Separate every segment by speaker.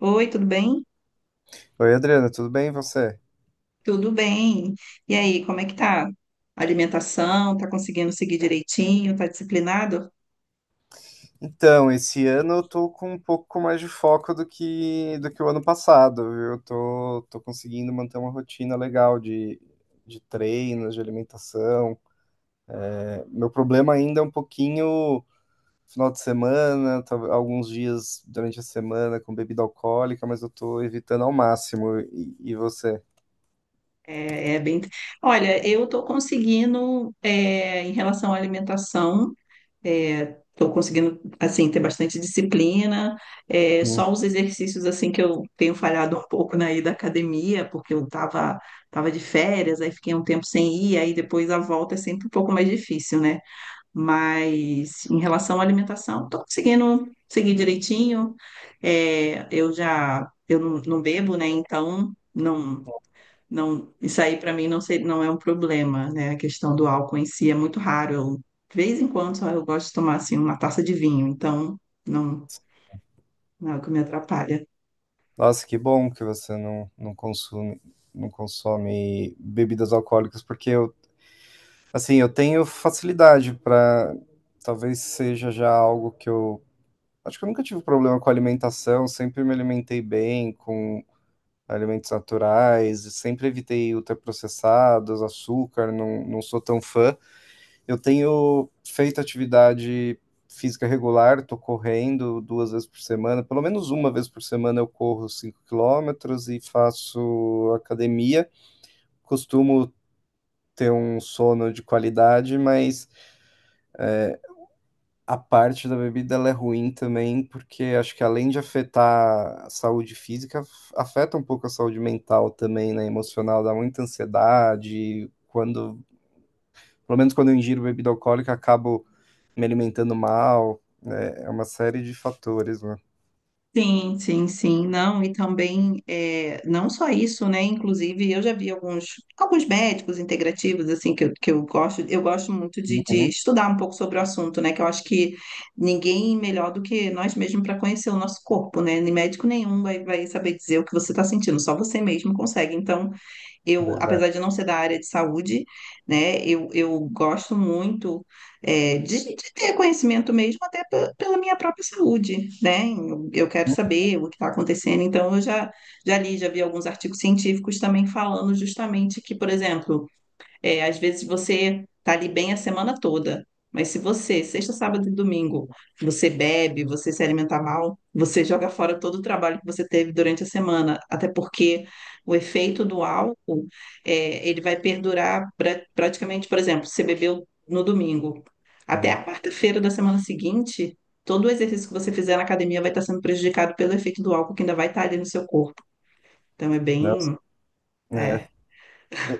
Speaker 1: Oi, tudo bem?
Speaker 2: Oi, Adriana, tudo bem e você?
Speaker 1: Tudo bem. E aí, como é que tá? Alimentação, tá conseguindo seguir direitinho, tá disciplinado?
Speaker 2: Então, esse ano eu tô com um pouco mais de foco do que o ano passado, viu? Eu tô conseguindo manter uma rotina legal de treinos, de alimentação. Meu problema ainda é um pouquinho final de semana, alguns dias durante a semana com bebida alcoólica, mas eu tô evitando ao máximo. E você?
Speaker 1: É bem. Olha, eu tô conseguindo, em relação à alimentação, é, tô conseguindo, assim, ter bastante disciplina. É,
Speaker 2: Hum.
Speaker 1: só os exercícios, assim, que eu tenho falhado um pouco na ida à academia, porque eu tava de férias, aí fiquei um tempo sem ir, aí depois a volta é sempre um pouco mais difícil, né? Mas em relação à alimentação, estou conseguindo seguir direitinho. É, eu já eu não, não bebo, né? Então não isso aí para mim não ser, não é um problema, né? A questão do álcool em si é muito raro. Eu, de vez em quando só eu gosto de tomar assim uma taça de vinho, então não não é o que me atrapalha.
Speaker 2: Nossa, que bom que você não consome, não consome bebidas alcoólicas, porque eu. Assim, eu tenho facilidade para. Talvez seja já algo que eu. Acho que eu nunca tive problema com alimentação, sempre me alimentei bem, com alimentos naturais, sempre evitei ultraprocessados, açúcar, não sou tão fã. Eu tenho feito atividade física regular, tô correndo duas vezes por semana, pelo menos uma vez por semana eu corro 5 quilômetros e faço academia. Costumo ter um sono de qualidade, mas a parte da bebida ela é ruim também, porque acho que além de afetar a saúde física, afeta um pouco a saúde mental também, né? Emocional, dá muita ansiedade. Quando, pelo menos quando eu ingiro bebida alcoólica, acabo me alimentando mal. É, é uma série de fatores, né?
Speaker 1: Sim, sim, sim, não, e também, é, não só isso, né, inclusive eu já vi alguns médicos integrativos, assim, que eu gosto muito de
Speaker 2: Uhum,
Speaker 1: estudar um pouco sobre o assunto, né, que eu acho que ninguém melhor do que nós mesmos para conhecer o nosso corpo, né, nem médico nenhum vai saber dizer o que você está sentindo, só você mesmo consegue, então eu,
Speaker 2: verdade.
Speaker 1: apesar de não ser da área de saúde, né, eu gosto muito de ter conhecimento mesmo até pela minha própria saúde, né? Eu quero saber o que está acontecendo, então já li, já vi alguns artigos científicos também falando justamente que, por exemplo, é, às vezes você tá ali bem a semana toda, mas se você, sexta, sábado e domingo, você bebe, você se alimenta mal, você joga fora todo o trabalho que você teve durante a semana, até porque o efeito do álcool, é, ele vai perdurar praticamente, por exemplo, você bebeu no domingo, até
Speaker 2: Hum.
Speaker 1: a quarta-feira da semana seguinte, todo o exercício que você fizer na academia vai estar sendo prejudicado pelo efeito do álcool que ainda vai estar ali no seu corpo. Então é
Speaker 2: Nossa,
Speaker 1: bem,
Speaker 2: é,
Speaker 1: é,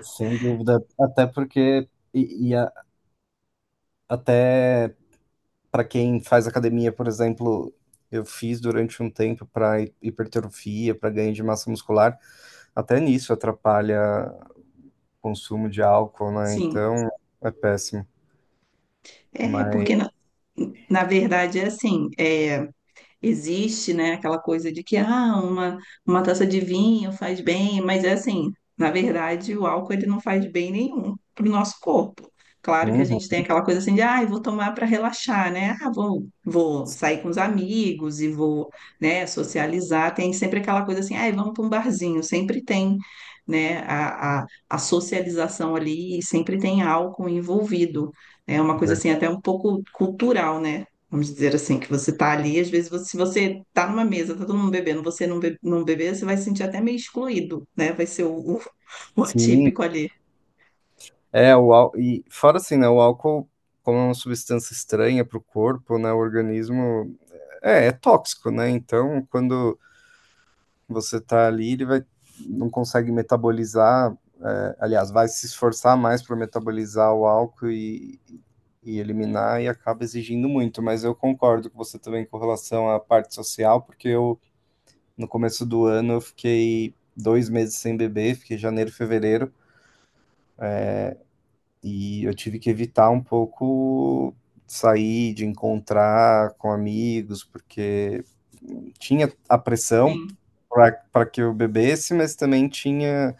Speaker 2: sem dúvida. Até porque, e, e a- até. Para quem faz academia, por exemplo, eu fiz durante um tempo para hipertrofia, para ganho de massa muscular, até nisso atrapalha o consumo de álcool, né?
Speaker 1: sim.
Speaker 2: Então é péssimo.
Speaker 1: É,
Speaker 2: Mas,
Speaker 1: porque na verdade é assim, é, existe, né, aquela coisa de que ah, uma taça de vinho faz bem, mas é assim, na verdade, o álcool ele não faz bem nenhum para o nosso corpo. Claro que a gente
Speaker 2: uhum,
Speaker 1: tem aquela coisa assim de, ah, eu vou tomar para relaxar, né? Ah, vou sair com os amigos e vou, né, socializar. Tem sempre aquela coisa assim, ah, vamos para um barzinho. Sempre tem, né, a socialização ali e sempre tem álcool envolvido. É uma coisa assim
Speaker 2: verdade.
Speaker 1: até um pouco cultural, né? Vamos dizer assim, que você tá ali, às vezes, se você tá numa mesa, tá todo mundo bebendo, você não, be não beber, você vai se sentir até meio excluído, né? Vai ser o
Speaker 2: Sim,
Speaker 1: atípico ali.
Speaker 2: é o álcool. E fora assim, né? O álcool, como é uma substância estranha para o corpo, né? O organismo é, é tóxico, né? Então, quando você tá ali, ele vai, não consegue metabolizar, é, aliás, vai se esforçar mais para metabolizar o álcool e eliminar e acaba exigindo muito. Mas eu concordo com você também com relação à parte social, porque eu, no começo do ano, eu fiquei dois meses sem beber, fiquei janeiro, fevereiro, e eu tive que evitar um pouco sair, de encontrar com amigos, porque tinha a pressão
Speaker 1: Sim.
Speaker 2: para que eu bebesse, mas também tinha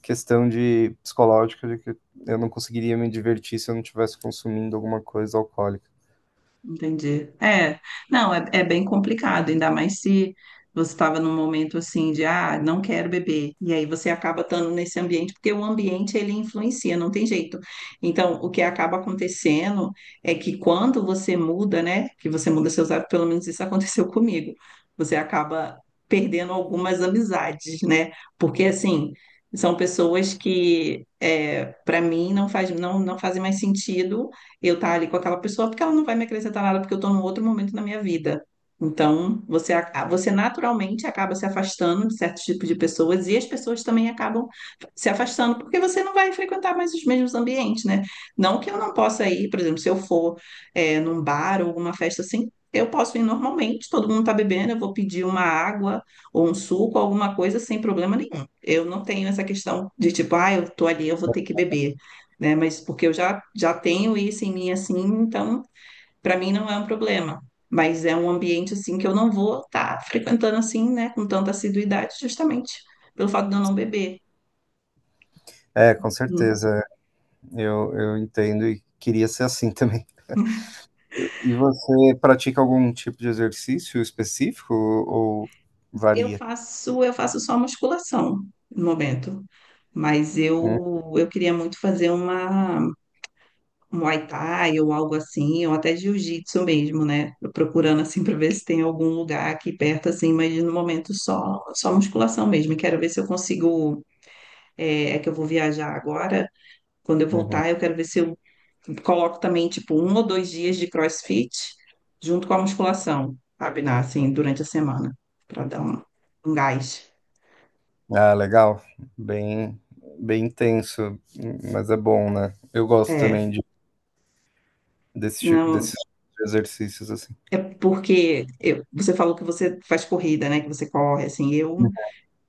Speaker 2: questão de psicológica de que eu não conseguiria me divertir se eu não estivesse consumindo alguma coisa alcoólica.
Speaker 1: Entendi. É, não, é bem complicado, ainda mais se você estava num momento assim de, ah, não quero beber, e aí você acaba estando nesse ambiente, porque o ambiente ele influencia, não tem jeito. Então, o que acaba acontecendo é que quando você muda, né, que você muda seus hábitos, pelo menos isso aconteceu comigo, você acaba perdendo algumas amizades, né, porque assim. São pessoas que, é, para mim, não faz, não fazem mais sentido eu estar ali com aquela pessoa, porque ela não vai me acrescentar nada, porque eu estou num outro momento na minha vida. Então, você naturalmente acaba se afastando de certos tipos de pessoas e as pessoas também acabam se afastando, porque você não vai frequentar mais os mesmos ambientes, né? Não que eu não possa ir, por exemplo, se eu for, é, num bar ou alguma festa assim, eu posso ir normalmente, todo mundo está bebendo, eu vou pedir uma água ou um suco, alguma coisa, sem problema nenhum. Eu não tenho essa questão de tipo, ah, eu tô ali, eu vou ter que beber né? Mas porque já tenho isso em mim assim, então para mim não é um problema. Mas é um ambiente assim que eu não vou estar frequentando assim, né, com tanta assiduidade, justamente pelo fato de eu não beber.
Speaker 2: É, com
Speaker 1: Hum.
Speaker 2: certeza. Eu entendo e queria ser assim também. E você pratica algum tipo de exercício específico ou varia?
Speaker 1: Eu faço só musculação no momento, mas
Speaker 2: Hum,
Speaker 1: eu queria muito fazer uma um Muay Thai ou algo assim, ou até jiu-jitsu mesmo, né? Tô procurando assim para ver se tem algum lugar aqui perto assim, mas no momento só musculação mesmo. E quero ver se eu consigo é que eu vou viajar agora. Quando eu
Speaker 2: Uhum.
Speaker 1: voltar, eu quero ver se eu coloco também, tipo, um ou dois dias de CrossFit junto com a musculação, sabe? Assim, durante a semana, para dar um gás.
Speaker 2: Ah, legal. Bem, bem intenso, mas é bom, né? Eu gosto também
Speaker 1: É,
Speaker 2: de, desse tipo,
Speaker 1: não,
Speaker 2: desses exercícios assim.
Speaker 1: é porque você falou que você faz corrida, né? Que você corre, assim, eu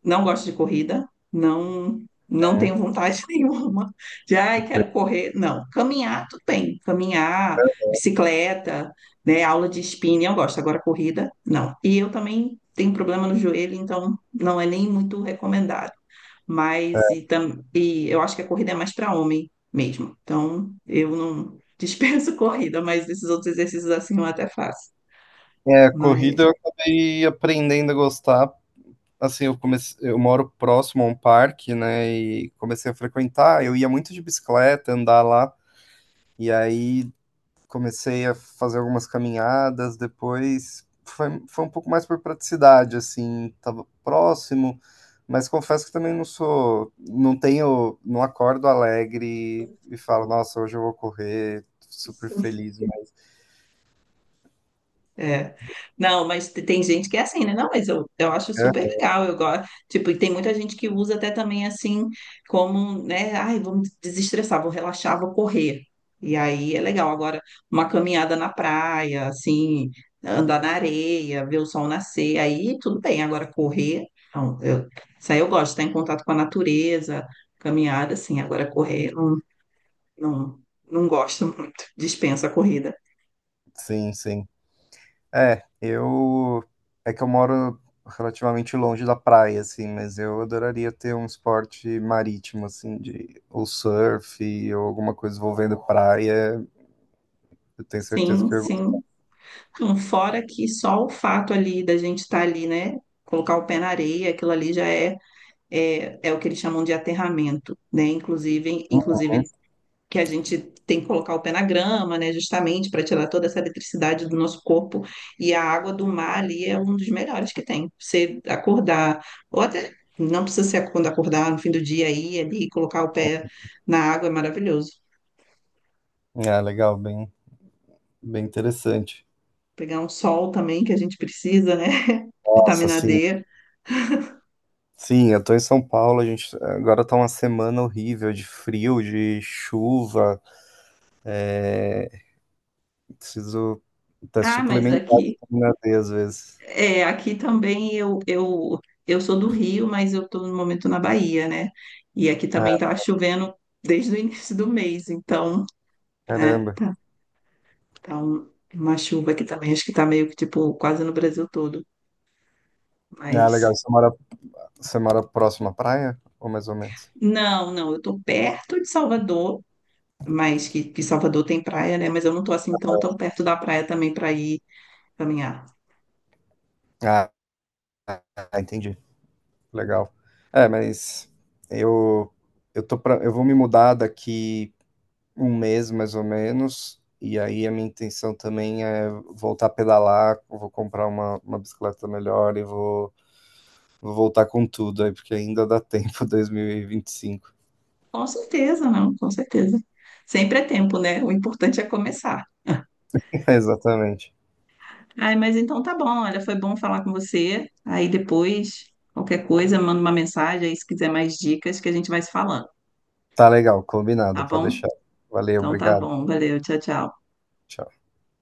Speaker 1: não gosto de corrida, não
Speaker 2: Uhum.
Speaker 1: tenho vontade nenhuma de, ai, quero correr. Não, caminhar, tudo bem. Caminhar, bicicleta, né, aula de spinning, eu gosto. Agora, corrida, não. E eu também tenho problema no joelho, então não é nem muito recomendado. Mas, e eu acho que a corrida é mais para homem mesmo. Então, eu não dispenso corrida, mas esses outros exercícios assim eu até faço.
Speaker 2: É, corrida
Speaker 1: Mas.
Speaker 2: eu acabei aprendendo a gostar assim, eu comecei, eu moro próximo a um parque, né, e comecei a frequentar, eu ia muito de bicicleta, andar lá, e aí comecei a fazer algumas caminhadas, depois foi, foi um pouco mais por praticidade, assim, tava próximo, mas confesso que também não sou, não tenho, não acordo alegre e falo, nossa, hoje eu vou correr, super feliz, né?
Speaker 1: É. Não, mas tem gente que é assim, né? Não, mas eu acho super legal, eu gosto. Tipo, e tem muita gente que usa até também assim, como, né? Ai, vamos desestressar, vou relaxar, vou correr. E aí é legal. Agora, uma caminhada na praia, assim, andar na areia, ver o sol nascer, aí tudo bem. Agora, correr, não, eu, isso aí eu gosto, estar em contato com a natureza, caminhada, assim. Agora, correr, não, não gosto muito, dispensa a corrida.
Speaker 2: Sim, sim. É, eu. É que eu moro relativamente longe da praia, assim, mas eu adoraria ter um esporte marítimo, assim, de ou surf ou alguma coisa envolvendo praia. Eu tenho certeza
Speaker 1: Sim,
Speaker 2: que eu gosto.
Speaker 1: sim. Fora que só o fato ali da gente estar ali, né? Colocar o pé na areia, aquilo ali já é, é o que eles chamam de aterramento, né? Inclusive que a gente tem que colocar o pé na grama, né? Justamente para tirar toda essa eletricidade do nosso corpo. E a água do mar ali é um dos melhores que tem. Você acordar, ou até não precisa ser quando acordar no fim do dia aí, ali, e colocar o pé na água é maravilhoso.
Speaker 2: Ah, legal, bem, bem interessante.
Speaker 1: Pegar um sol também que a gente precisa, né?
Speaker 2: Nossa,
Speaker 1: Vitamina
Speaker 2: sim.
Speaker 1: D.
Speaker 2: Sim, eu tô em São Paulo, a gente agora tá uma semana horrível de frio, de chuva. É, preciso até
Speaker 1: Ah, mas
Speaker 2: suplementar a
Speaker 1: aqui.
Speaker 2: vitamina D às vezes.
Speaker 1: É, aqui também eu sou do Rio, mas eu estou no momento na Bahia, né? E aqui
Speaker 2: Ah,
Speaker 1: também estava chovendo desde o início do mês, então, né?
Speaker 2: caramba.
Speaker 1: Tá, tá uma chuva aqui também, acho que tá meio que tipo quase no Brasil todo.
Speaker 2: Ah, legal,
Speaker 1: Mas
Speaker 2: você mora. Você mora próximo à praia? Ou mais ou menos?
Speaker 1: não, não, eu estou perto de Salvador, mas que Salvador tem praia, né? Mas eu não estou assim tão perto da praia também para ir caminhar.
Speaker 2: Ah, ah, entendi. Legal. É, mas eu. Eu vou me mudar daqui um mês mais ou menos, e aí a minha intenção também é voltar a pedalar, eu vou comprar uma bicicleta melhor e vou, vou voltar com tudo aí, porque ainda dá tempo, 2025.
Speaker 1: Com certeza, não, com certeza. Sempre é tempo, né? O importante é começar.
Speaker 2: Exatamente.
Speaker 1: Ai, mas então tá bom, olha, foi bom falar com você. Aí depois, qualquer coisa, manda uma mensagem aí se quiser mais dicas que a gente vai se falando,
Speaker 2: Tá legal,
Speaker 1: tá
Speaker 2: combinado, pode
Speaker 1: bom?
Speaker 2: deixar. Valeu,
Speaker 1: Então tá
Speaker 2: obrigado.
Speaker 1: bom, valeu, tchau, tchau.
Speaker 2: Tchau.